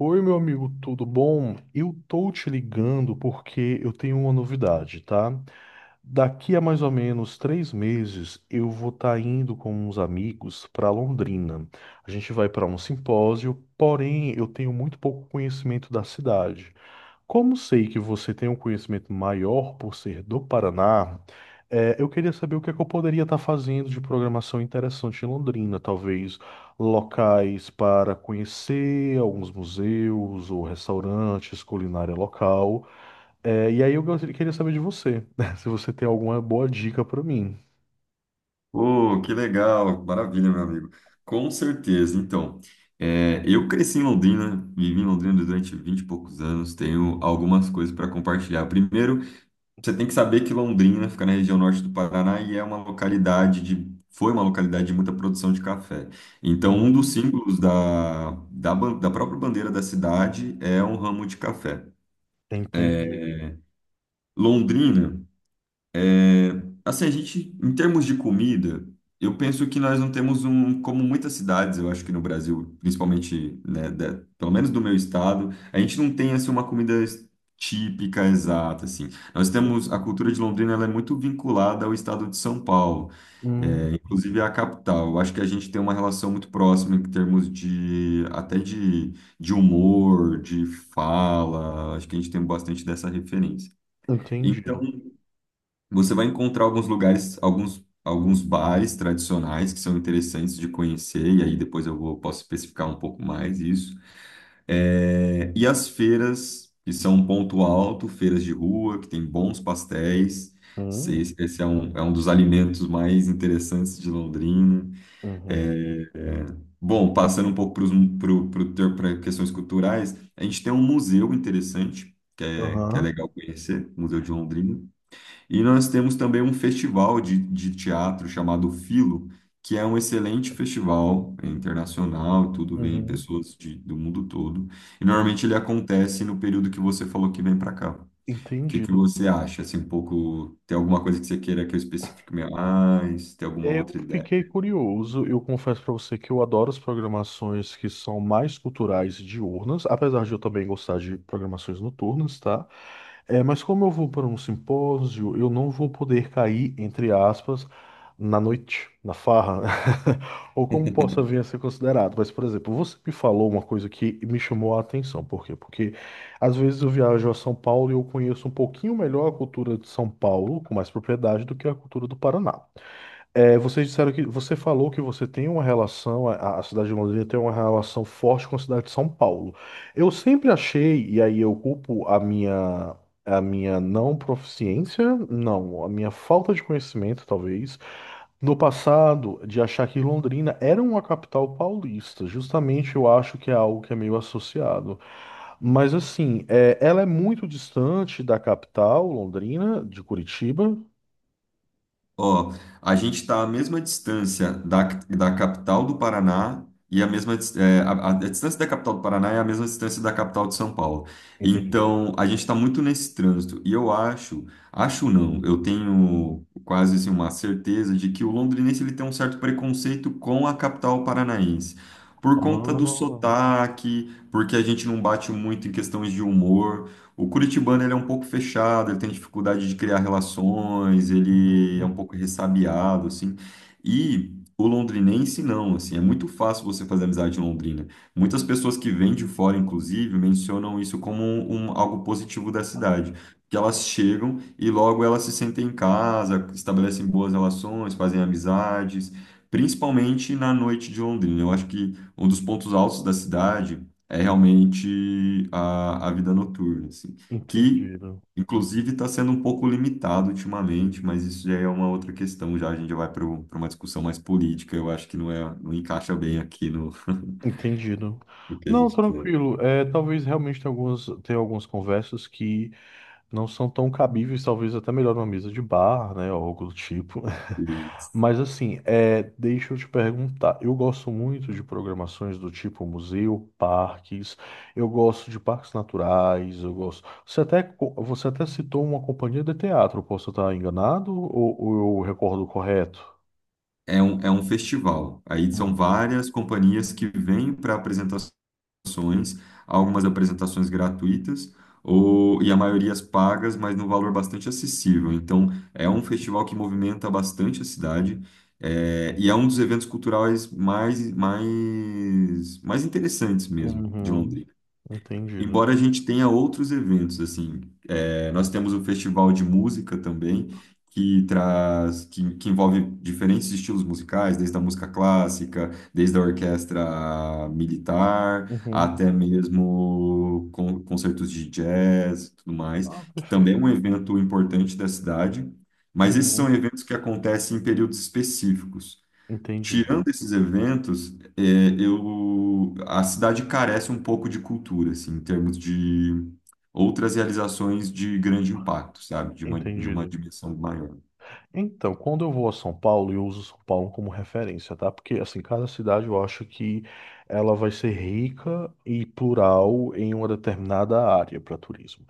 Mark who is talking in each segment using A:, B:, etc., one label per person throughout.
A: Oi, meu amigo, tudo bom? Eu tô te ligando porque eu tenho uma novidade, tá? Daqui a mais ou menos 3 meses, eu vou estar indo com uns amigos para Londrina. A gente vai para um simpósio, porém eu tenho muito pouco conhecimento da cidade. Como sei que você tem um conhecimento maior por ser do Paraná, eu queria saber o que é que eu poderia estar fazendo de programação interessante em Londrina, talvez locais para conhecer, alguns museus ou restaurantes, culinária local. E aí eu queria saber de você, né, se você tem alguma boa dica para mim.
B: Oh, que legal, maravilha, meu amigo. Com certeza. Então, eu cresci em Londrina, vivi em Londrina durante 20 e poucos anos, tenho algumas coisas para compartilhar. Primeiro, você tem que saber que Londrina fica na região norte do Paraná e é uma localidade de, foi uma localidade de muita produção de café. Então, um dos
A: Hum,
B: símbolos da própria bandeira da cidade é um ramo de café.
A: entendido.
B: Londrina. Assim, a gente, em termos de comida, eu penso que nós não temos um, como muitas cidades, eu acho que no Brasil, principalmente, né, pelo menos do meu estado, a gente não tem, assim, uma comida típica, exata, assim. Nós temos, a cultura de Londrina, ela é muito vinculada ao estado de São Paulo,
A: Hum,
B: inclusive à capital. Eu acho que a gente tem uma relação muito próxima em termos de, até de humor, de fala, acho que a gente tem bastante dessa referência. Então,
A: entendido.
B: você vai encontrar alguns lugares, alguns bares tradicionais que são interessantes de conhecer, e aí depois eu vou, posso especificar um pouco mais isso. E as feiras, que são um ponto alto, feiras de rua, que tem bons pastéis.
A: Hum,
B: Esse é um dos alimentos mais interessantes de Londrina.
A: uhum.
B: É, Bom, passando um pouco para questões culturais, a gente tem um museu interessante, que é
A: Aham,
B: legal conhecer, o Museu de Londrina. E nós temos também um festival de teatro chamado Filo, que é um excelente festival é internacional, tudo vem
A: uhum.
B: pessoas do mundo todo. E normalmente ele acontece no período que você falou que vem para cá. O que que
A: Entendido.
B: você acha? Assim, um pouco, tem alguma coisa que você queira que eu especifique mais? Tem alguma
A: Eu
B: outra ideia?
A: fiquei curioso. Eu confesso para você que eu adoro as programações que são mais culturais e diurnas, apesar de eu também gostar de programações noturnas, tá? É, mas como eu vou para um simpósio, eu não vou poder cair, entre aspas, na noite, na farra, ou como possa vir a ser considerado. Mas, por exemplo, você me falou uma coisa que me chamou a atenção. Por quê? Porque às vezes eu viajo a São Paulo e eu conheço um pouquinho melhor a cultura de São Paulo, com mais propriedade, do que a cultura do Paraná. É, vocês disseram que você falou que você tem uma relação, a cidade de Londrina tem uma relação forte com a cidade de São Paulo. Eu sempre achei, e aí eu culpo a minha não proficiência, não, a minha falta de conhecimento, talvez, no passado, de achar que Londrina era uma capital paulista. Justamente eu acho que é algo que é meio associado. Mas assim, é, ela é muito distante da capital, Londrina, de Curitiba.
B: Ó, a gente está à mesma distância da capital do Paraná e a mesma a distância da capital do Paraná é a mesma distância da capital de São Paulo.
A: Entendi.
B: Então, a gente está muito nesse trânsito. E eu acho, acho não, eu tenho quase assim, uma certeza de que o londrinense ele tem um certo preconceito com a capital paranaense. Por conta do
A: Ah,
B: sotaque, porque a gente não bate muito em questões de humor. O curitibano ele é um pouco fechado, ele tem dificuldade de criar relações, ele é
A: uhum.
B: um pouco ressabiado, assim. E o londrinense não, assim, é muito fácil você fazer amizade em Londrina. Muitas pessoas que vêm de fora, inclusive, mencionam isso como um, algo positivo da cidade. Que elas chegam e logo elas se sentem em casa, estabelecem boas relações, fazem amizades, principalmente na noite de Londrina. Eu acho que um dos pontos altos da cidade é realmente a vida noturna, assim, que
A: Entendido.
B: inclusive está sendo um pouco limitado ultimamente, mas isso já é uma outra questão, já a gente já vai para uma discussão mais política, eu acho que não é, não encaixa bem aqui
A: Entendido.
B: no que a
A: Não,
B: gente quer.
A: tranquilo. É, talvez realmente tenha algumas conversas que não são tão cabíveis, talvez até melhor numa mesa de bar, né, ou algo do tipo. Mas assim, é, deixa eu te perguntar. Eu gosto muito de programações do tipo museu, parques. Eu gosto de parques naturais. Eu gosto. Você até, você até citou uma companhia de teatro. Posso estar enganado ou eu recordo correto?
B: É um festival, aí são
A: Hum.
B: várias companhias que vêm para apresentações ações, algumas apresentações gratuitas ou e a maioria as pagas, mas num valor bastante acessível. Então, é um festival que movimenta bastante a cidade. E é um dos eventos culturais mais interessantes mesmo de
A: Uhum.
B: Londrina.
A: Entendido.
B: Embora a gente tenha outros eventos, assim, nós temos o festival de música também, que que envolve diferentes estilos musicais, desde a música clássica, desde a orquestra militar, até
A: Uhum.
B: mesmo concertos de jazz, e tudo mais,
A: Ah,
B: que também é um
A: perfeito.
B: evento importante da cidade, mas esses são
A: Uhum.
B: eventos que acontecem em períodos específicos.
A: Entendido.
B: Tirando esses eventos, a cidade carece um pouco de cultura, assim, em termos de outras realizações de grande impacto, sabe? De uma
A: Entendido.
B: dimensão maior.
A: Então, quando eu vou a São Paulo, eu uso São Paulo como referência, tá? Porque, assim, cada cidade eu acho que ela vai ser rica e plural em uma determinada área para turismo.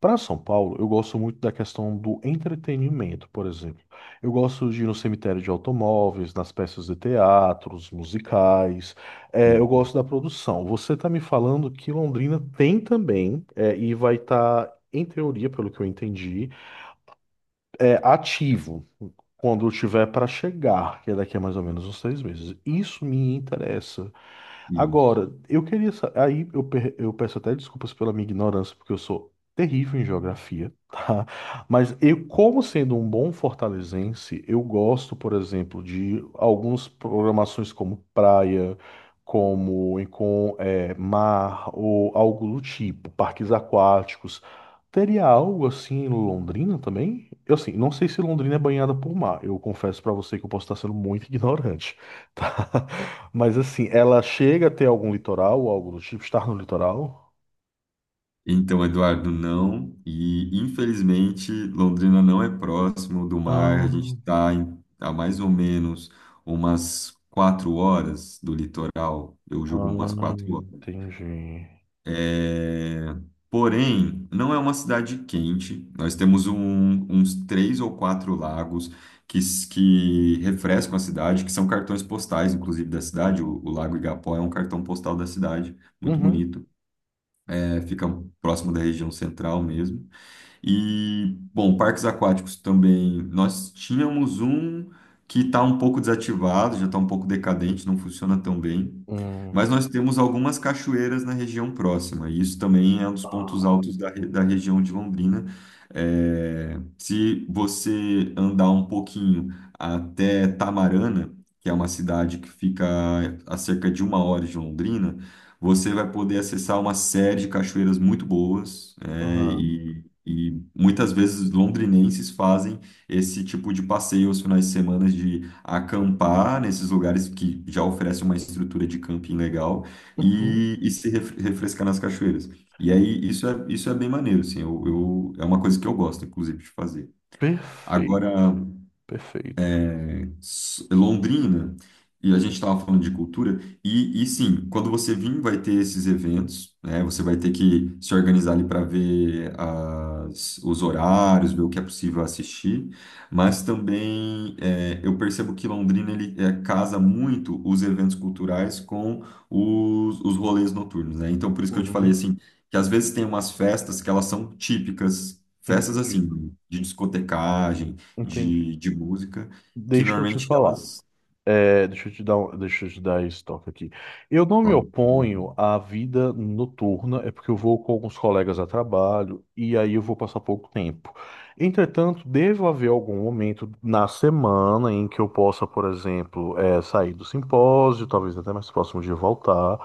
A: Para São Paulo, eu gosto muito da questão do entretenimento, por exemplo. Eu gosto de ir no cemitério de automóveis, nas peças de teatros, musicais. É, eu
B: Uhum.
A: gosto da produção. Você está me falando que Londrina tem também, é, e vai estar, em teoria, pelo que eu entendi é ativo quando eu tiver para chegar, que é daqui a mais ou menos uns 3 meses. Isso me interessa.
B: Isso.
A: Agora, eu queria. Aí eu, eu peço até desculpas pela minha ignorância, porque eu sou terrível em geografia, tá? Mas eu, como sendo um bom fortalezense, eu gosto, por exemplo, de algumas programações como praia, como com é, mar, ou algo do tipo, parques aquáticos. Teria algo assim em Londrina também? Eu assim, não sei se Londrina é banhada por mar. Eu confesso pra você que eu posso estar sendo muito ignorante, tá? Mas assim, ela chega a ter algum litoral ou algo do tipo, estar no litoral?
B: Então, Eduardo, não. E, infelizmente, Londrina não é próximo do mar. A gente
A: Ah,
B: está a mais ou menos umas 4 horas do litoral. Eu julgo umas
A: ah,
B: 4 horas.
A: entendi.
B: É, Porém, não é uma cidade quente. Nós temos uns três ou quatro lagos que refrescam a cidade, que são cartões postais, inclusive, da cidade. O Lago Igapó é um cartão postal da cidade, muito
A: Uhum.
B: bonito. Fica próximo da região central mesmo. E, bom, parques aquáticos também. Nós tínhamos um que está um pouco desativado, já está um pouco decadente, não funciona tão bem. Mas
A: Hum.
B: nós temos algumas cachoeiras na região próxima, e isso também é um dos pontos
A: Ah,
B: altos da região de Londrina. Se você andar um pouquinho até Tamarana, que é uma cidade que fica a cerca de 1 hora de Londrina, você vai poder acessar uma série de cachoeiras muito boas, é,
A: aham.
B: e e muitas vezes londrinenses fazem esse tipo de passeio aos finais de semana de acampar nesses lugares que já oferecem uma estrutura de camping legal
A: Uhum.
B: e se refrescar nas cachoeiras. E aí isso é bem maneiro, assim, é uma coisa que eu gosto, inclusive, de fazer. Agora,
A: Perfeito, perfeito.
B: Londrina, e a gente estava falando de cultura, e sim, quando você vir, vai ter esses eventos, né? Você vai ter que se organizar ali para ver os horários, ver o que é possível assistir, mas também eu percebo que Londrina ele casa muito os eventos culturais com os rolês noturnos, né? Então, por isso que eu te falei
A: Uhum.
B: assim, que às vezes tem umas festas que elas são típicas. Festas
A: Entendido,
B: assim, de discotecagem,
A: entendido.
B: de música, que
A: Deixa eu te
B: normalmente
A: falar.
B: elas.
A: É, deixa eu te dar, deixa eu te dar esse toque aqui. Eu não me
B: Claro.
A: oponho à vida noturna, é porque eu vou com alguns colegas a trabalho e aí eu vou passar pouco tempo. Entretanto, deve haver algum momento na semana em que eu possa, por exemplo, é, sair do simpósio, talvez até mais próximo de voltar,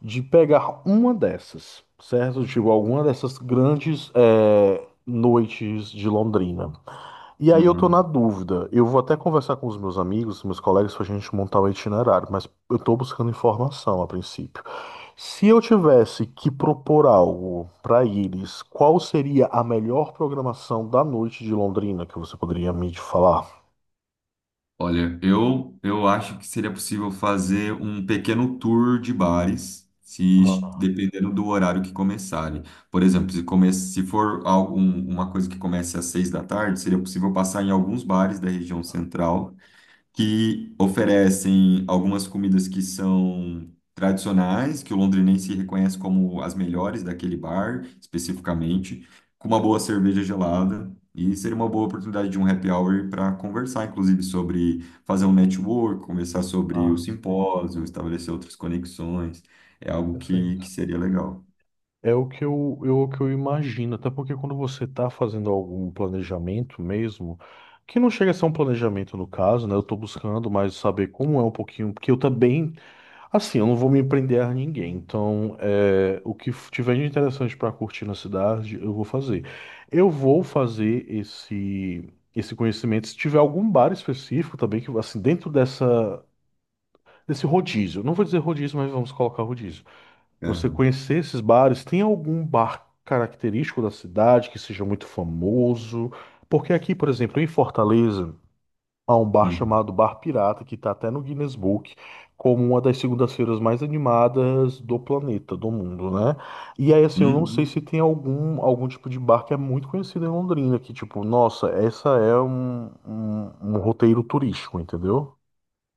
A: de pegar uma dessas, certo? Tipo, alguma dessas grandes, é, noites de Londrina. E aí eu tô na
B: Uhum.
A: dúvida. Eu vou até conversar com os meus amigos, meus colegas, pra gente montar o itinerário, mas eu tô buscando informação a princípio. Se eu tivesse que propor algo para eles, qual seria a melhor programação da noite de Londrina que você poderia me falar?
B: Olha, eu acho que seria possível fazer um pequeno tour de bares, se es-
A: Ah,
B: dependendo do horário que começarem. Por exemplo, se for uma coisa que comece às 6 da tarde, seria possível passar em alguns bares da região central que oferecem algumas comidas que são tradicionais, que o londrinense reconhece como as melhores daquele bar, especificamente, com uma boa cerveja gelada. E seria uma boa oportunidade de um happy hour para conversar, inclusive, sobre fazer um network, conversar sobre
A: ah,
B: o
A: entendi.
B: simpósio, estabelecer outras conexões. É algo que,
A: Perfeito.
B: que seria legal.
A: É o que eu, o que eu imagino, até porque quando você está fazendo algum planejamento mesmo, que não chega a ser um planejamento no caso, né? Eu estou buscando mais saber como é um pouquinho, porque eu também. Assim, eu não vou me prender a ninguém, então é, o que tiver de interessante para curtir na cidade, eu vou fazer. Eu vou fazer esse esse conhecimento se tiver algum bar específico também que assim dentro dessa desse rodízio. Não vou dizer rodízio, mas vamos colocar rodízio. Você
B: Aham.
A: conhecer esses bares, tem algum bar característico da cidade que seja muito famoso? Porque aqui, por exemplo, em Fortaleza a um bar
B: Uhum.
A: chamado Bar Pirata, que está até no Guinness Book, como uma das segundas-feiras mais animadas do planeta, do mundo, né? E aí, assim, eu não sei
B: Uhum.
A: se tem algum, algum tipo de bar que é muito conhecido em Londrina, que tipo, nossa, essa é um, um roteiro turístico, entendeu?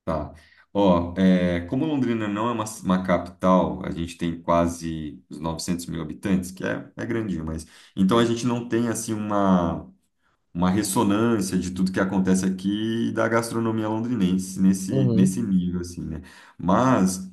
B: Tá. Ó, como Londrina não é uma capital, a gente tem quase os 900 mil habitantes, que é grandinho, mas... Então, a gente não tem, assim, uma ressonância de tudo que acontece aqui e da gastronomia londrinense nesse
A: Uhum.
B: nível, assim, né? Mas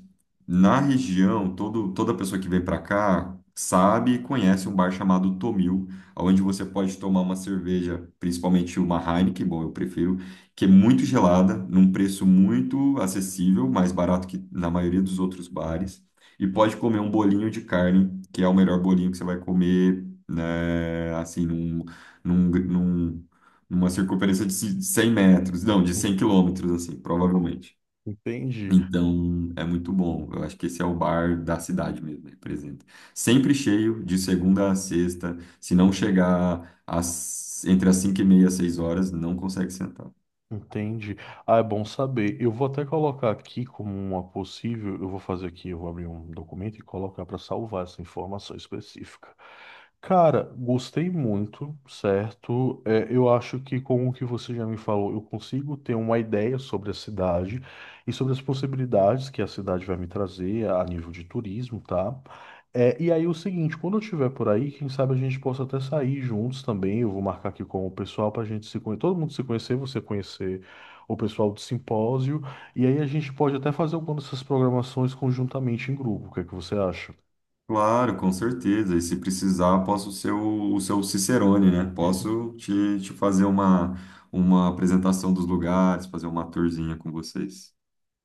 B: na região, toda pessoa que vem para cá sabe e conhece um bar chamado Tomil, onde você pode tomar uma cerveja, principalmente uma Heineken, bom, eu prefiro, que é muito gelada, num preço muito acessível, mais barato que na maioria dos outros bares. E pode comer um bolinho de carne, que é o melhor bolinho que você vai comer, né, assim, num, num- numa circunferência de 100 metros, não, de 100 quilômetros, assim, provavelmente.
A: Entendi.
B: Então, é muito bom. Eu acho que esse é o bar da cidade mesmo, representa. Sempre cheio, de segunda a sexta. Se não chegar entre as 5:30 e 6 horas, não consegue sentar.
A: Entendi. Ah, é bom saber. Eu vou até colocar aqui como uma possível. Eu vou fazer aqui, eu vou abrir um documento e colocar para salvar essa informação específica. Cara, gostei muito, certo? É, eu acho que com o que você já me falou, eu consigo ter uma ideia sobre a cidade e sobre as possibilidades que a cidade vai me trazer a nível de turismo, tá? É, e aí o seguinte, quando eu estiver por aí, quem sabe a gente possa até sair juntos também. Eu vou marcar aqui com o pessoal para a gente se conhecer, todo mundo se conhecer, você conhecer o pessoal do simpósio. E aí a gente pode até fazer alguma dessas programações conjuntamente em grupo. O que é que você acha?
B: Claro, com certeza. E se precisar, posso ser o seu Cicerone, né? Posso te fazer uma apresentação dos lugares, fazer uma tourzinha com vocês.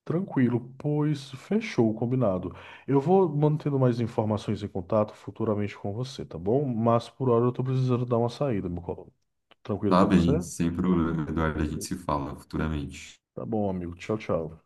A: Tranquilo, pois fechou, combinado. Eu vou mantendo mais informações em contato futuramente com você, tá bom? Mas por hora eu tô precisando dar uma saída, meu colo. Tranquilo
B: Tá
A: para você?
B: bem, sem problema, Eduardo. A gente
A: Beleza.
B: se fala futuramente.
A: Tá bom, amigo. Tchau, tchau.